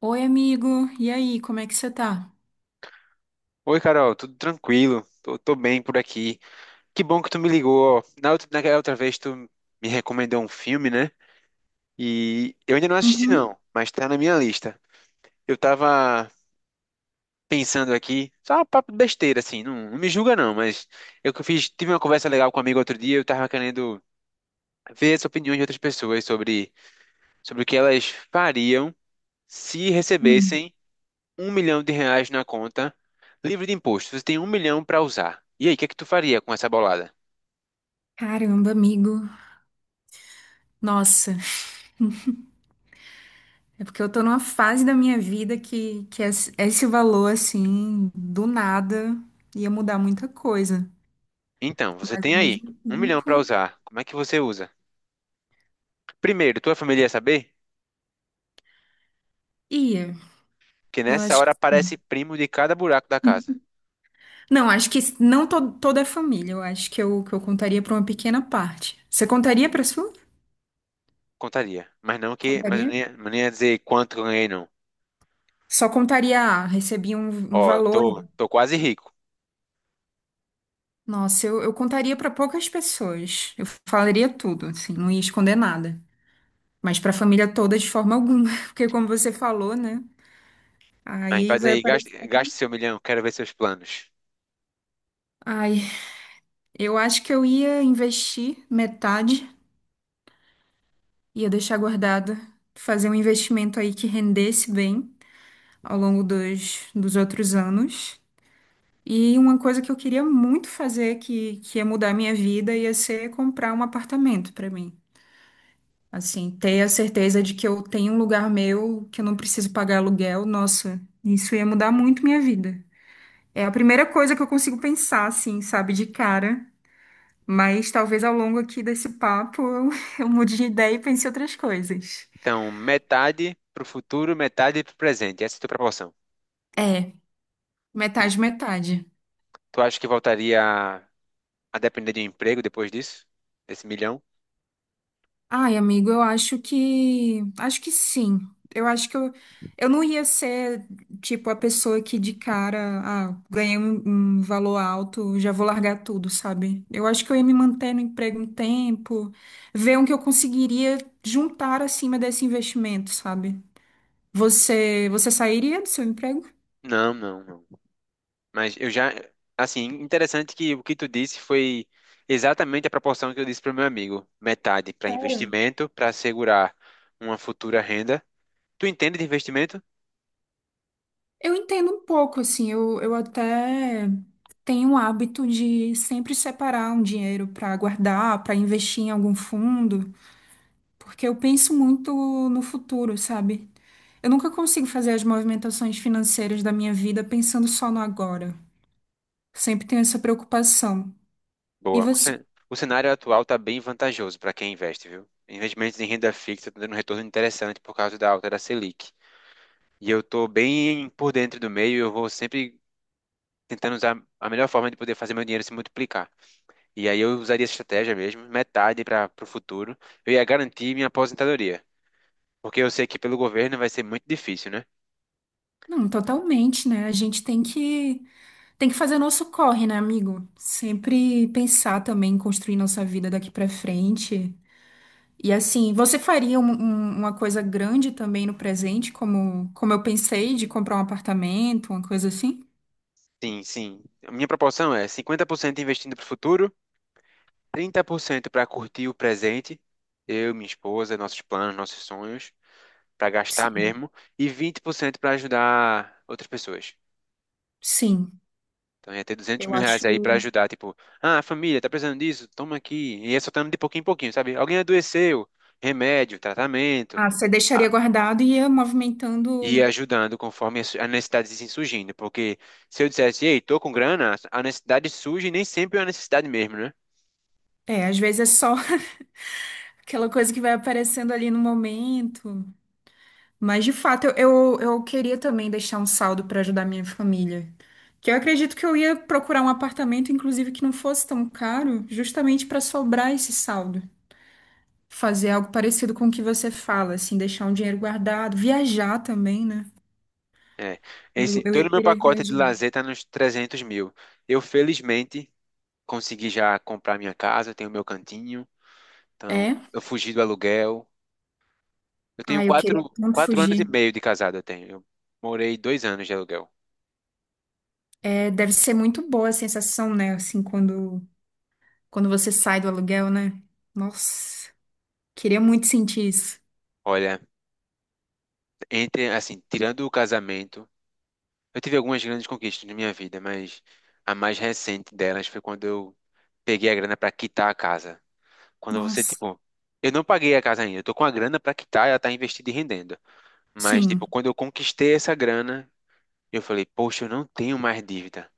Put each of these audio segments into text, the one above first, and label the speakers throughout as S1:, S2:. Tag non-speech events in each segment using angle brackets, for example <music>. S1: Oi, amigo. E aí, como é que você tá?
S2: Oi, Carol, tudo tranquilo? Tô bem por aqui. Que bom que tu me ligou. Ó, naquela outra vez tu me recomendou um filme, né? E eu ainda não assisti não,
S1: Uhum.
S2: mas tá na minha lista. Eu tava pensando aqui, só um papo de besteira assim, não me julga não, mas tive uma conversa legal com um amigo outro dia, eu tava querendo ver as opiniões de outras pessoas sobre o que elas fariam se
S1: Hum.
S2: recebessem um milhão de reais na conta, livre de imposto. Você tem um milhão pra usar. E aí, o que é que tu faria com essa bolada?
S1: Caramba, amigo. Nossa, é porque eu tô numa fase da minha vida que é esse valor, assim, do nada, ia mudar muita coisa.
S2: Então, você
S1: Mas ao
S2: tem aí
S1: mesmo
S2: um milhão para
S1: tempo,
S2: usar. Como é que você usa? Primeiro, tua família ia saber?
S1: ia.
S2: Porque
S1: Eu
S2: nessa
S1: acho
S2: hora
S1: que.
S2: aparece primo de cada buraco da casa.
S1: <laughs> Não, acho que não toda a família. Eu acho que eu contaria pra uma pequena parte. Você contaria pra sua?
S2: Contaria. Mas eu
S1: Contaria?
S2: não ia dizer quanto eu ganhei, não.
S1: Só contaria, ah, recebi um, um
S2: Ó,
S1: valor.
S2: tô quase rico.
S1: Nossa, eu contaria para poucas pessoas. Eu falaria tudo, assim, não ia esconder nada. Mas para a família toda, de forma alguma. <laughs> Porque, como você falou, né?
S2: Mas
S1: Aí
S2: faz
S1: vai
S2: aí,
S1: aparecer.
S2: gaste seu milhão, quero ver seus planos.
S1: Ai, eu acho que eu ia investir metade, ia deixar guardado, fazer um investimento aí que rendesse bem ao longo dos outros anos. E uma coisa que eu queria muito fazer, que ia mudar a minha vida, ia ser comprar um apartamento para mim. Assim, ter a certeza de que eu tenho um lugar meu, que eu não preciso pagar aluguel, nossa, isso ia mudar muito minha vida. É a primeira coisa que eu consigo pensar, assim, sabe, de cara. Mas talvez ao longo aqui desse papo eu, <laughs> eu mude de ideia e pense em outras coisas.
S2: Então, metade pro futuro, metade pro presente. Essa é a tua proporção.
S1: É,
S2: Tu,
S1: metade, metade.
S2: tu acha que voltaria a depender de um emprego depois disso? Desse milhão?
S1: Ai, amigo, eu acho que. Acho que sim. Eu acho que eu não ia ser, tipo, a pessoa que de cara, ah, ganhei um, um valor alto, já vou largar tudo, sabe? Eu acho que eu ia me manter no emprego um tempo, ver o que eu conseguiria juntar acima desse investimento, sabe? Você sairia do seu emprego?
S2: Não. Mas eu já, interessante que o que tu disse foi exatamente a proporção que eu disse para o meu amigo, metade para investimento, para assegurar uma futura renda. Tu entende de investimento?
S1: Eu entendo um pouco, assim, eu até tenho o hábito de sempre separar um dinheiro para guardar, para investir em algum fundo, porque eu penso muito no futuro, sabe? Eu nunca consigo fazer as movimentações financeiras da minha vida pensando só no agora. Sempre tenho essa preocupação. E
S2: Boa.
S1: você?
S2: O cenário atual está bem vantajoso para quem investe, viu? Investimentos em renda fixa estão dando um retorno interessante por causa da alta da Selic. E eu estou bem por dentro do meio, eu vou sempre tentando usar a melhor forma de poder fazer meu dinheiro se multiplicar. E aí eu usaria essa estratégia mesmo, metade para o futuro. Eu ia garantir minha aposentadoria. Porque eu sei que pelo governo vai ser muito difícil, né?
S1: Não, totalmente, né? A gente tem que fazer nosso corre, né, amigo? Sempre pensar também em construir nossa vida daqui para frente. E assim, você faria uma coisa grande também no presente, como, como eu pensei, de comprar um apartamento, uma coisa assim?
S2: Sim. A minha proporção é 50% investindo para o futuro, 30% para curtir o presente, eu, minha esposa, nossos planos, nossos sonhos, para gastar
S1: Sim,
S2: mesmo, e 20% para ajudar outras pessoas.
S1: sim.
S2: Então ia ter 200
S1: Eu
S2: mil reais aí para
S1: acho.
S2: ajudar, tipo, ah, família, tá precisando disso? Toma aqui. E ia soltando de pouquinho em pouquinho, sabe? Alguém adoeceu, remédio, tratamento.
S1: Ah, você deixaria guardado e ia
S2: E
S1: movimentando.
S2: ajudando conforme as necessidades assim surgindo. Porque se eu dissesse, ei, tô com grana, a necessidade surge e nem sempre é uma necessidade mesmo, né?
S1: É, às vezes é só <laughs> aquela coisa que vai aparecendo ali no momento. Mas, de fato, eu queria também deixar um saldo para ajudar minha família. Que eu acredito que eu ia procurar um apartamento, inclusive, que não fosse tão caro, justamente para sobrar esse saldo. Fazer algo parecido com o que você fala, assim, deixar um dinheiro guardado, viajar também, né?
S2: É. Esse,
S1: Eu
S2: todo
S1: ia
S2: o meu
S1: querer
S2: pacote de
S1: viajar.
S2: lazer tá nos 300 mil. Eu, felizmente, consegui já comprar minha casa, eu tenho meu cantinho, então
S1: É?
S2: eu fugi do aluguel. Eu tenho
S1: Ah, eu queria tanto
S2: quatro anos e
S1: fugir.
S2: meio de casado, eu tenho. Eu morei dois anos de aluguel.
S1: É, deve ser muito boa a sensação, né? Assim, quando você sai do aluguel, né? Nossa, queria muito sentir isso.
S2: Olha, entre, assim, tirando o casamento, eu tive algumas grandes conquistas na minha vida, mas a mais recente delas foi quando eu peguei a grana para quitar a casa. Quando você,
S1: Nossa,
S2: tipo, eu não paguei a casa ainda, eu tô com a grana para quitar, ela tá investida e rendendo. Mas, tipo,
S1: sim.
S2: quando eu conquistei essa grana, eu falei, poxa, eu não tenho mais dívida.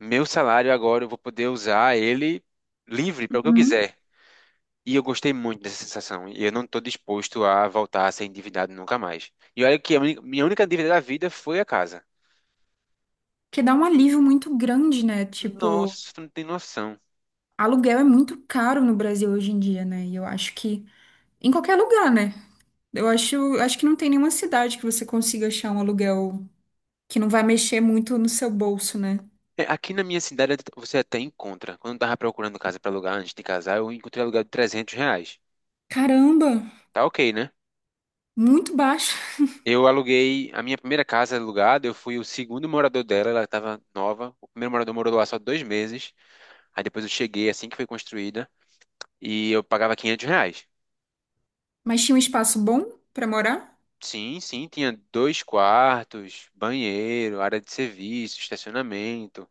S2: Meu salário agora eu vou poder usar ele livre para o que eu
S1: Uhum.
S2: quiser. E eu gostei muito dessa sensação. E eu não tô disposto a voltar a ser endividado nunca mais. E olha que minha única dívida da vida foi a casa.
S1: Que dá um alívio muito grande, né? Tipo,
S2: Nossa, tu não tem noção.
S1: aluguel é muito caro no Brasil hoje em dia, né? E eu acho que em qualquer lugar, né? Eu acho, acho que não tem nenhuma cidade que você consiga achar um aluguel que não vai mexer muito no seu bolso, né?
S2: É, aqui na minha cidade você até encontra. Quando eu tava procurando casa pra alugar antes de casar, eu encontrei aluguel de trezentos reais.
S1: Caramba,
S2: Tá ok, né?
S1: muito baixo.
S2: Eu aluguei a minha primeira casa alugada, eu fui o segundo morador dela, ela estava nova. O primeiro morador morou lá só dois meses. Aí depois eu cheguei assim que foi construída e eu pagava quinhentos reais.
S1: Mas tinha um espaço bom pra morar?
S2: Sim, tinha dois quartos, banheiro, área de serviço, estacionamento.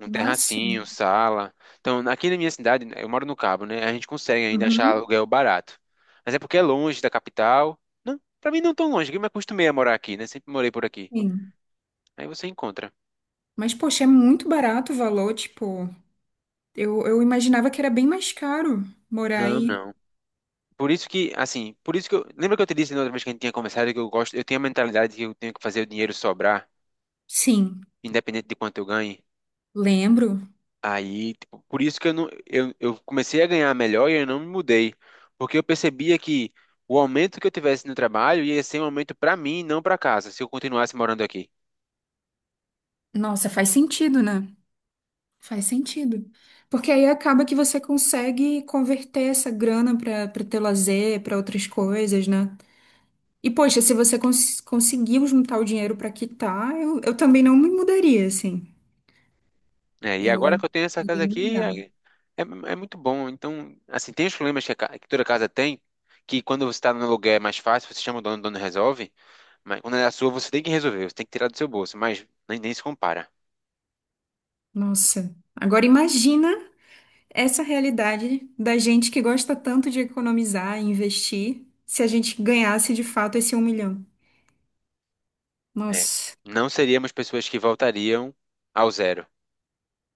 S2: Um
S1: Nossa.
S2: terracinho, sala. Então, aqui na minha cidade, né, eu moro no Cabo, né? A gente consegue ainda achar
S1: Uhum.
S2: aluguel barato. Mas é porque é longe da capital. Não, pra mim não é tão longe, que eu me acostumei a morar aqui, né? Sempre morei por aqui.
S1: Sim.
S2: Aí você encontra.
S1: Mas, poxa, é muito barato o valor, tipo, eu imaginava que era bem mais caro morar
S2: Não,
S1: aí.
S2: não. Por isso que, assim, por isso que eu. Lembra que eu te disse na outra vez que a gente tinha conversado que eu gosto, eu tenho a mentalidade que eu tenho que fazer o dinheiro sobrar,
S1: Sim,
S2: independente de quanto eu ganhe?
S1: lembro.
S2: Aí, tipo, por isso que eu, não, eu comecei a ganhar melhor e eu não me mudei, porque eu percebia que o aumento que eu tivesse no trabalho ia ser um aumento para mim, não para casa, se eu continuasse morando aqui.
S1: Nossa, faz sentido, né? Faz sentido. Porque aí acaba que você consegue converter essa grana para teu lazer, para outras coisas, né? E, poxa, se você conseguiu juntar o dinheiro para quitar, eu também não me mudaria, assim.
S2: É, e agora
S1: Eu
S2: que eu tenho essa casa
S1: iria me
S2: aqui,
S1: mudar.
S2: é muito bom. Então, assim, tem os problemas que toda casa tem, que quando você está no aluguel é mais fácil, você chama o dono resolve, mas quando é a sua você tem que resolver, você tem que tirar do seu bolso, mas nem se compara.
S1: Nossa. Agora imagina essa realidade da gente que gosta tanto de economizar e investir, se a gente ganhasse de fato esse um milhão.
S2: É,
S1: Nossa.
S2: não seríamos pessoas que voltariam ao zero.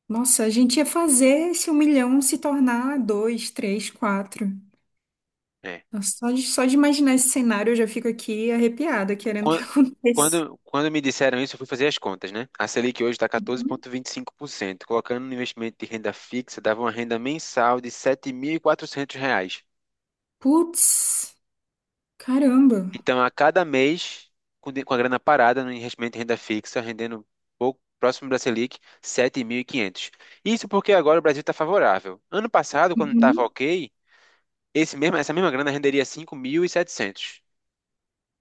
S1: Nossa, a gente ia fazer esse um milhão se tornar dois, três, quatro.
S2: Né?
S1: Nossa, só de imaginar esse cenário eu já fico aqui arrepiada, querendo que <laughs>
S2: Quan-
S1: aconteça.
S2: Quando me disseram isso, eu fui fazer as contas, né? A Selic hoje está quatorze
S1: Uhum.
S2: vírgula vinte e cinco por cento. Colocando no investimento de renda fixa, dava uma renda mensal de 7.400 reais.
S1: Putz, caramba.
S2: Então, a cada mês, com a grana parada no investimento de renda fixa, rendendo pouco próximo da Selic, 7.500. Isso porque agora o Brasil está favorável. Ano passado, quando estava
S1: Uhum.
S2: ok, essa mesma grana renderia 5.700,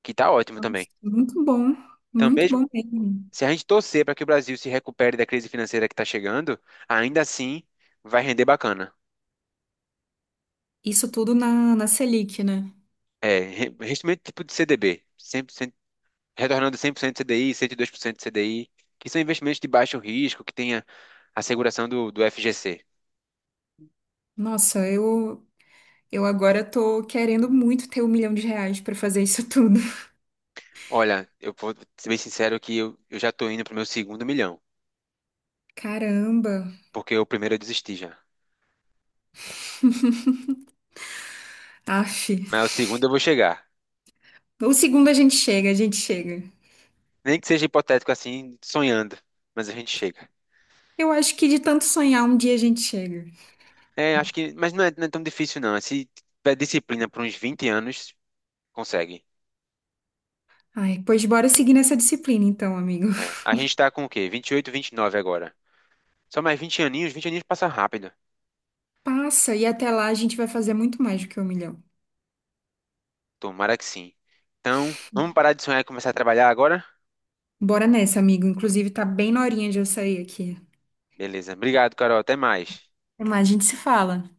S2: que está ótimo também.
S1: Nossa, muito bom,
S2: Então,
S1: muito
S2: mesmo
S1: bom mesmo.
S2: se a gente torcer para que o Brasil se recupere da crise financeira que está chegando, ainda assim vai render bacana.
S1: Isso tudo na Selic, né?
S2: É, investimento tipo de CDB, 100%, retornando 100% CDI, 102% CDI, que são investimentos de baixo risco, que tenha a seguração do FGC.
S1: Nossa, eu agora tô querendo muito ter um milhão de reais pra fazer isso tudo. <laughs>
S2: Olha, eu vou ser bem sincero que eu já estou indo para o meu segundo milhão,
S1: Caramba,
S2: porque o primeiro eu desisti já.
S1: aff.
S2: Mas o segundo eu vou chegar.
S1: O segundo a gente chega, a gente chega.
S2: Nem que seja hipotético assim, sonhando, mas a gente chega.
S1: Eu acho que de tanto sonhar, um dia a gente chega.
S2: É, acho que, não é tão difícil não. É. Se tiver disciplina por uns 20 anos, consegue.
S1: Ai, pois bora seguir nessa disciplina então, amigo.
S2: É.
S1: <laughs>
S2: A gente tá com o quê? Vinte e oito, vinte e nove agora. Só mais 20 aninhos passa rápido.
S1: Passa e até lá a gente vai fazer muito mais do que um milhão.
S2: Tomara que sim. Então, vamos parar de sonhar e começar a trabalhar agora?
S1: Bora nessa, amigo. Inclusive, tá bem na horinha de eu sair aqui.
S2: Beleza. Obrigado, Carol. Até mais.
S1: Até mais, a gente se fala.